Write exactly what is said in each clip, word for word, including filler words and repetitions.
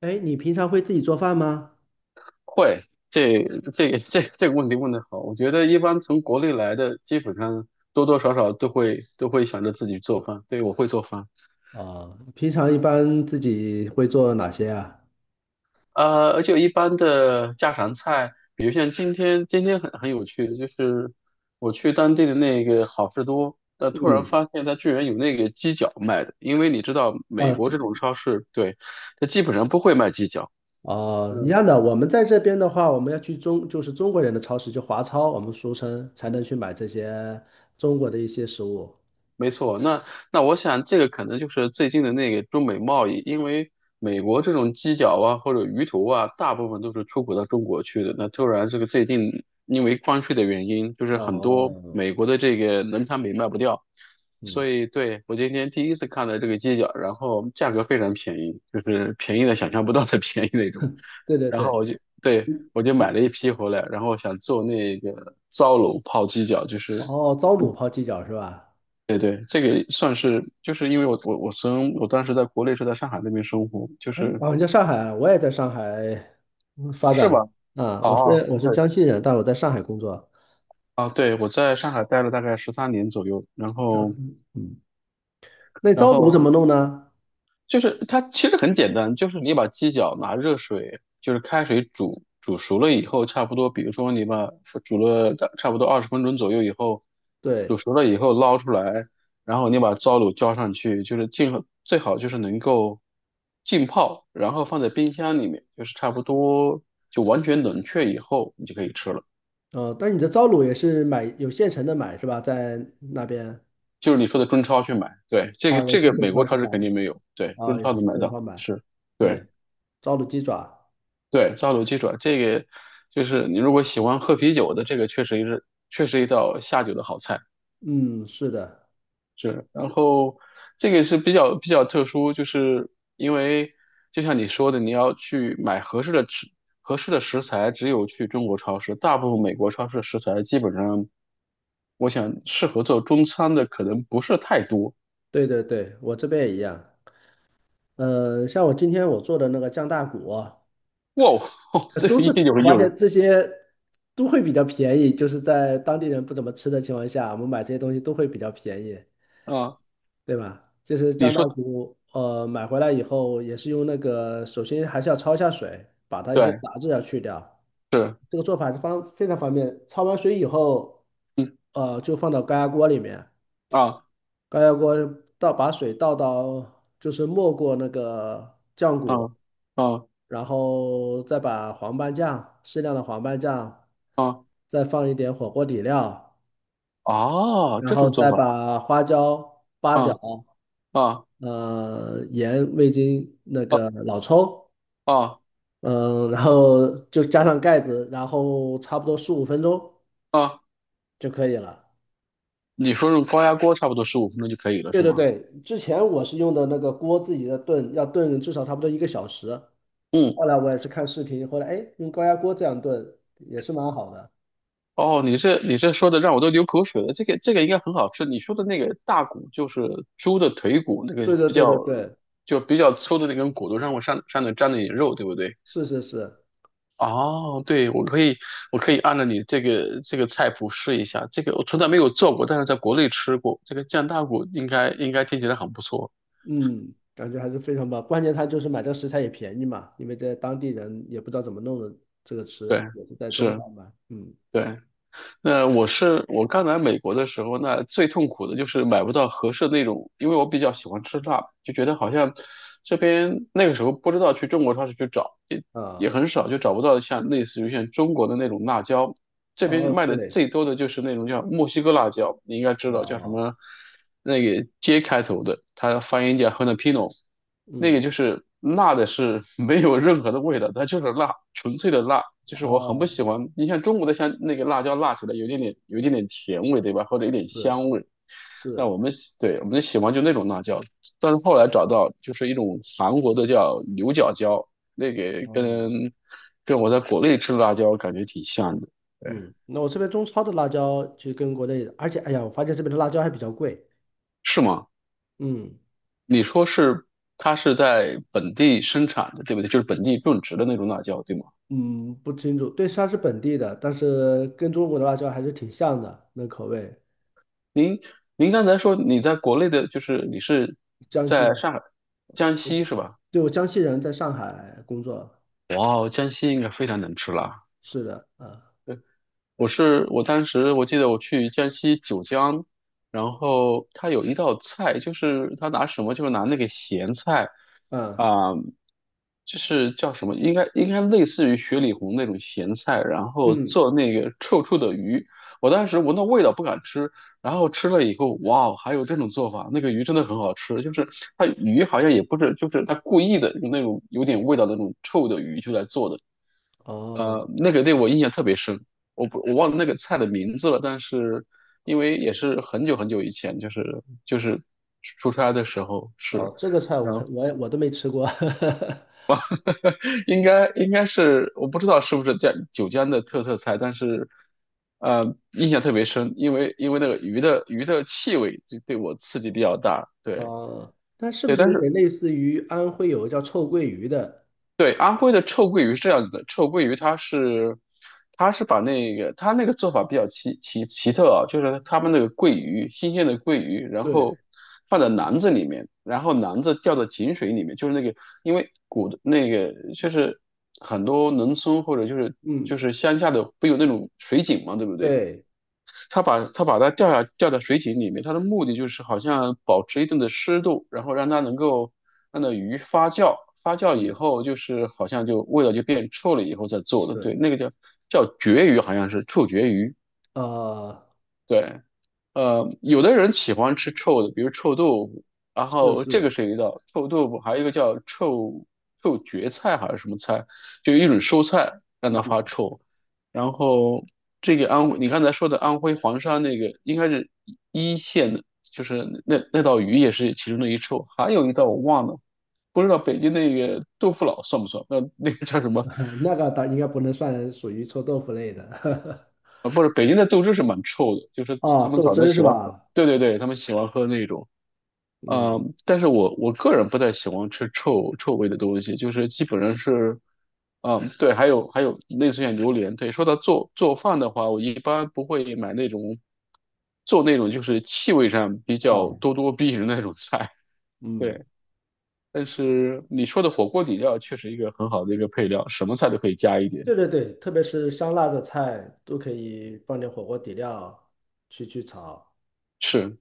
哎，你平常会自己做饭吗？会，这这个这这个问题问得好，我觉得一般从国内来的，基本上多多少少都会都会想着自己做饭。对，我会做饭，啊、平常一般自己会做哪些啊？呃，而且一般的家常菜，比如像今天，今天很很有趣的，就是我去当地的那个好事多，呃，突然嗯，发现它居然有那个鸡脚卖的，因为你知道啊，美国自这种超市，对，它基本上不会卖鸡脚。啊，一嗯。样的。我们在这边的话，我们要去中，就是中国人的超市，就华超，我们俗称才能去买这些中国的一些食物。没错，那那我想这个可能就是最近的那个中美贸易，因为美国这种鸡脚啊或者鱼头啊，大部分都是出口到中国去的。那突然这个最近因为关税的原因，就是很多哦，美国的这个农产品卖不掉，所嗯，以对，我今天第一次看到这个鸡脚，然后价格非常便宜，就是便宜的想象不到的 便宜那种。对对然后对。我就对，我就买了一批回来，然后想做那个糟卤泡鸡脚，就是。哦，糟卤泡鸡脚是吧？对对，这个算是，就是因为我我我从我当时在国内是在上海那边生活，就哎，是哦，你在上海啊，我也在上海嗯发是展吧？啊。我哦，是我是对，江西人，但我在上海工作。啊，对，我在上海待了大概十三年左右，然后嗯，那然糟卤后怎么弄呢？就是它其实很简单，就是你把鸡脚拿热水，就是开水煮煮熟了以后，差不多，比如说你把煮了大差不多二十分钟左右以后，煮对。熟了以后捞出来，然后你把糟卤浇上去，就是尽最好就是能够浸泡，然后放在冰箱里面，就是差不多就完全冷却以后，你就可以吃了。哦，但是你的糟卤也是买有现成的买是吧？在那边就是你说的中超去买，对，这啊，个也这是个中美国超是超市肯定吧？没有，对，啊，中也超是能去买中到，超买。是，对。对，糟卤鸡爪，对，烧酒鸡爪这个就是你如果喜欢喝啤酒的，这个确实是确实一道下酒的好菜。嗯，是的，是，然后这个是比较比较特殊，就是因为就像你说的，你要去买合适的食合适的食材，只有去中国超市，大部分美国超市的食材基本上，我想适合做中餐的可能不是太多。对对对，我这边也一样。呃，像我今天我做的那个酱大骨啊哇哦，呃这都个是一定有我发诱人现这些都会比较便宜，就是在当地人不怎么吃的情况下，我们买这些东西都会比较便宜，啊！对吧？就是你酱大说骨，呃，买回来以后也是用那个，首先还是要焯一下水，把它一些对，杂质要去掉。是，这个做法方非常方便。焯完水以后，嗯呃，就放到高压锅里面，啊高压锅倒把水倒到，就是没过那个酱啊骨，啊然后再把黄斑酱，适量的黄斑酱，啊！再放一点火锅底料，哦，然这后种做再法把花椒、八角、啊啊呃盐、味精、那个老抽。啊嗯，然后就加上盖子，然后差不多十五分钟啊！就可以了。你说用高压锅差不多十五分钟就可以了，对是对吗？对，之前我是用的那个锅自己的炖，要炖至少差不多一个小时。嗯，后来我也是看视频，后来哎，用高压锅这样炖也是蛮好的。哦，你这你这说的让我都流口水了。这个这个应该很好吃。你说的那个大骨就是猪的腿骨，那个对对比对较对对，就比较粗的那根骨头让我上上面沾了一点肉，对不对？是是是，哦，对，我可以我可以按照你这个这个菜谱试一下。这个我从来没有做过，但是在国内吃过。这个酱大骨应该应该听起来很不错。嗯，感觉还是非常棒。关键它就是买这个食材也便宜嘛，因为这当地人也不知道怎么弄的这个吃，对，也是在中是。超嘛。嗯对。那我是我刚来美国的时候，那最痛苦的就是买不到合适的那种，因为我比较喜欢吃辣，就觉得好像这边那个时候不知道去中国超市去找，也啊也很少，就找不到像类似于像中国的那种辣椒。这边哦卖的对最多的就是那种叫墨西哥辣椒，你应该知道叫什哦么，那个 J 开头的，它发音叫 j a n a p i n o 那个嗯就是辣的是 没有任何的味道，它就是辣，纯粹的辣。就是我很不哦喜欢，你像中国的像那个辣椒辣起来有一点点有一点点甜味，对吧？或者有点是香味。那是我们喜对，我们喜欢就那种辣椒，但是后来找到就是一种韩国的叫牛角椒，那个哦。跟跟我在国内吃的辣椒感觉挺像的。对，嗯，那我这边中超的辣椒其实跟国内的，而且哎呀，我发现这边的辣椒还比较贵。是吗？嗯你说是它是在本地生产的，对不对？就是本地种植的那种辣椒，对吗？嗯，不清楚，对，它是本地的，但是跟中国的辣椒还是挺像的，那口味。您您刚才说你在国内的，就是你是江西，在上海、江西是吧？对，我江西人，在上海工作。哇哦，江西应该非常能吃辣。是的，啊我是我当时我记得我去江西九江，然后他有一道菜，就是他拿什么，就是拿那个咸菜。啊啊、就是叫什么，应该应该类似于雪里红那种咸菜，然后嗯，做那个臭臭的鱼。我当时闻到味道不敢吃，然后吃了以后，哇哦，还有这种做法，那个鱼真的很好吃。就是它鱼好像也不是，就是它故意的用那种有点味道的那种臭的鱼就来做的。哦呃，那个对我印象特别深，我不我忘了那个菜的名字了，但是因为也是很久很久以前，就是就是出差的时候是，哦，这个菜我看我也我都没吃过。应该应该是我不知道是不是江九江的特色菜，但是呃印象特别深，因为因为那个鱼的鱼的气味就对我刺激比较大，对哦，它是不对，是但有是点类似于安徽有个叫臭鳜鱼的？对，安徽的臭鳜鱼是这样子的，臭鳜鱼它是，它是把那个它那个做法比较奇奇奇特啊，就是他们那个鳜鱼，新鲜的鳜鱼，然对，后放在篮子里面，然后篮子掉到井水里面，就是那个，因为古的那个就是很多农村或者就是就嗯，是乡下的不有那种水井嘛，对不对？对，他把他把它掉下掉在水井里面，它的目的就是好像保持一定的湿度，然后让它能够让那鱼发酵，发酵以嗯，后就是好像就味道就变臭了以后再做的，对，是，那个叫叫绝鱼，好像是臭绝鱼，啊对。呃，有的人喜欢吃臭的，比如臭豆腐，然是后这个是。是一道臭豆腐，还有一个叫臭臭蕨菜还是什么菜，就一种蔬菜让它发嗯，臭。然后这个安徽，你刚才说的安徽黄山那个应该是一线的，就是那那道鱼也是其中的一臭，还有一道我忘了，不知道北京那个豆腐脑算不算？那那个叫什么？那个倒应该不能算属于臭豆腐类的。啊，不是，北京的豆汁是蛮臭的，就 是他哦，们豆早汁晨儿喜是欢喝，吧？对对对，他们喜欢喝那种。嗯，嗯，但是我我个人不太喜欢吃臭臭味的东西，就是基本上是，嗯，对，还有还有类似像榴莲，对，说到做做饭的话，我一般不会买那种做那种就是气味上比较哦，咄咄逼人的那种菜，嗯，对。但是你说的火锅底料确实一个很好的一个配料，什么菜都可以加一点，对对对，特别是香辣的菜都可以放点火锅底料去去炒，是。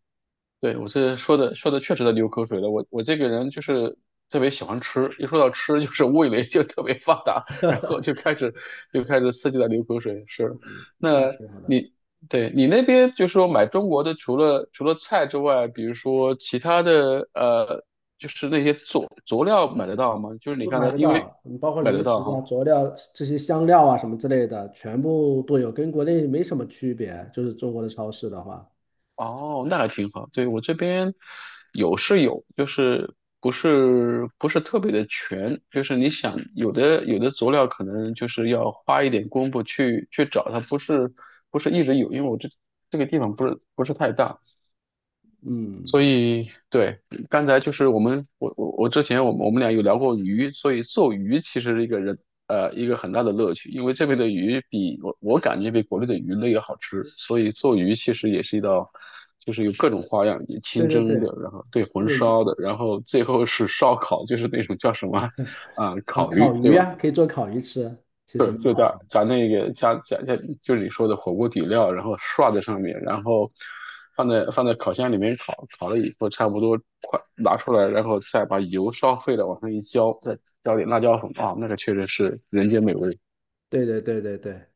对，我这说的说的确实在流口水了。我我这个人就是特别喜欢吃，一说到吃就是 味蕾就特别发达，然后就开始就开始刺激的流口水。是，那那挺好的，你对，你那边就是说买中国的，除了除了菜之外，比如说其他的呃，就是那些佐佐料买得到吗？就是你都刚买才得因为到。你包括买得零到食啊、哈，佐料这些香料啊什么之类的，全部都有，跟国内没什么区别。就是中国的超市的话，哦，那还挺好。对，我这边有是有，就是不是不是特别的全，就是你想有的有的佐料可能就是要花一点功夫去去找它，不是不是一直有，因为我这这个地方不是不是太大，所嗯，以，对，刚才就是我们，我我我之前我们我们俩有聊过鱼，所以做鱼其实是一个人呃一个很大的乐趣，因为这边的鱼比我我感觉比国内的鱼类要好吃，所以做鱼其实也是一道，就是有各种花样，有对清对蒸的，对，然后对这红个鱼烧的，然后最后是烧烤，就是那种叫什么啊、啊呃烤烤鱼，对鱼吧？啊，可以做烤鱼吃，其实对，蛮就好。加加那个加加加，就是你说的火锅底料，然后刷在上面，然后放在放在烤箱里面烤，烤了以后差不多快拿出来，然后再把油烧沸了往上一浇，再浇点辣椒粉啊，那个确实是人间美味。对对对对对。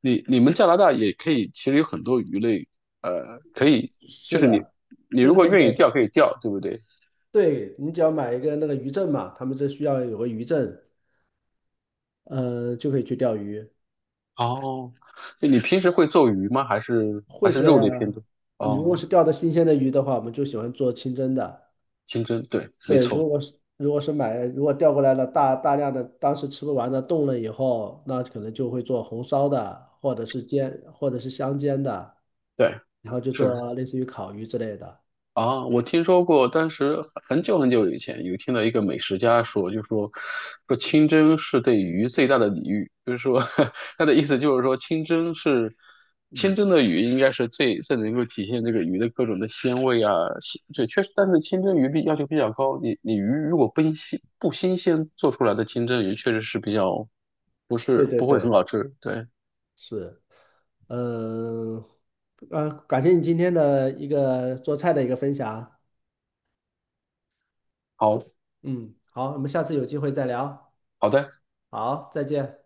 你你们加拿大也可以，其实有很多鱼类，呃，可以，就是是你的，你这如果边愿意的，钓可以钓，对不对？对，你只要买一个那个渔证嘛，他们这需要有个渔证，呃，就可以去钓鱼，哦，你平时会做鱼吗？还是还会是做肉呀。类偏多？你如果哦，是钓的新鲜的鱼的话，我们就喜欢做清蒸的。清蒸，对，没对，错，如果是如果是买，如果钓过来了大大量的，当时吃不完的冻了以后，那可能就会做红烧的，或者是煎，或者是香煎的，对，然后就是。做类似于烤鱼之类的。啊，我听说过，当时很久很久以前有听到一个美食家说，就说说清蒸是对鱼最大的礼遇，就是说 他的意思就是说清蒸是清蒸的鱼应该是最最能够体现这个鱼的各种的鲜味啊，鲜对，确实，但是清蒸鱼比要求比较高，你你鱼如果不新不新鲜做出来的清蒸鱼，确实是比较不对是对不会很对。好吃，对，是，嗯，呃，感谢你今天的一个做菜的一个分享。好嗯，好，我们下次有机会再聊。好的。好，再见。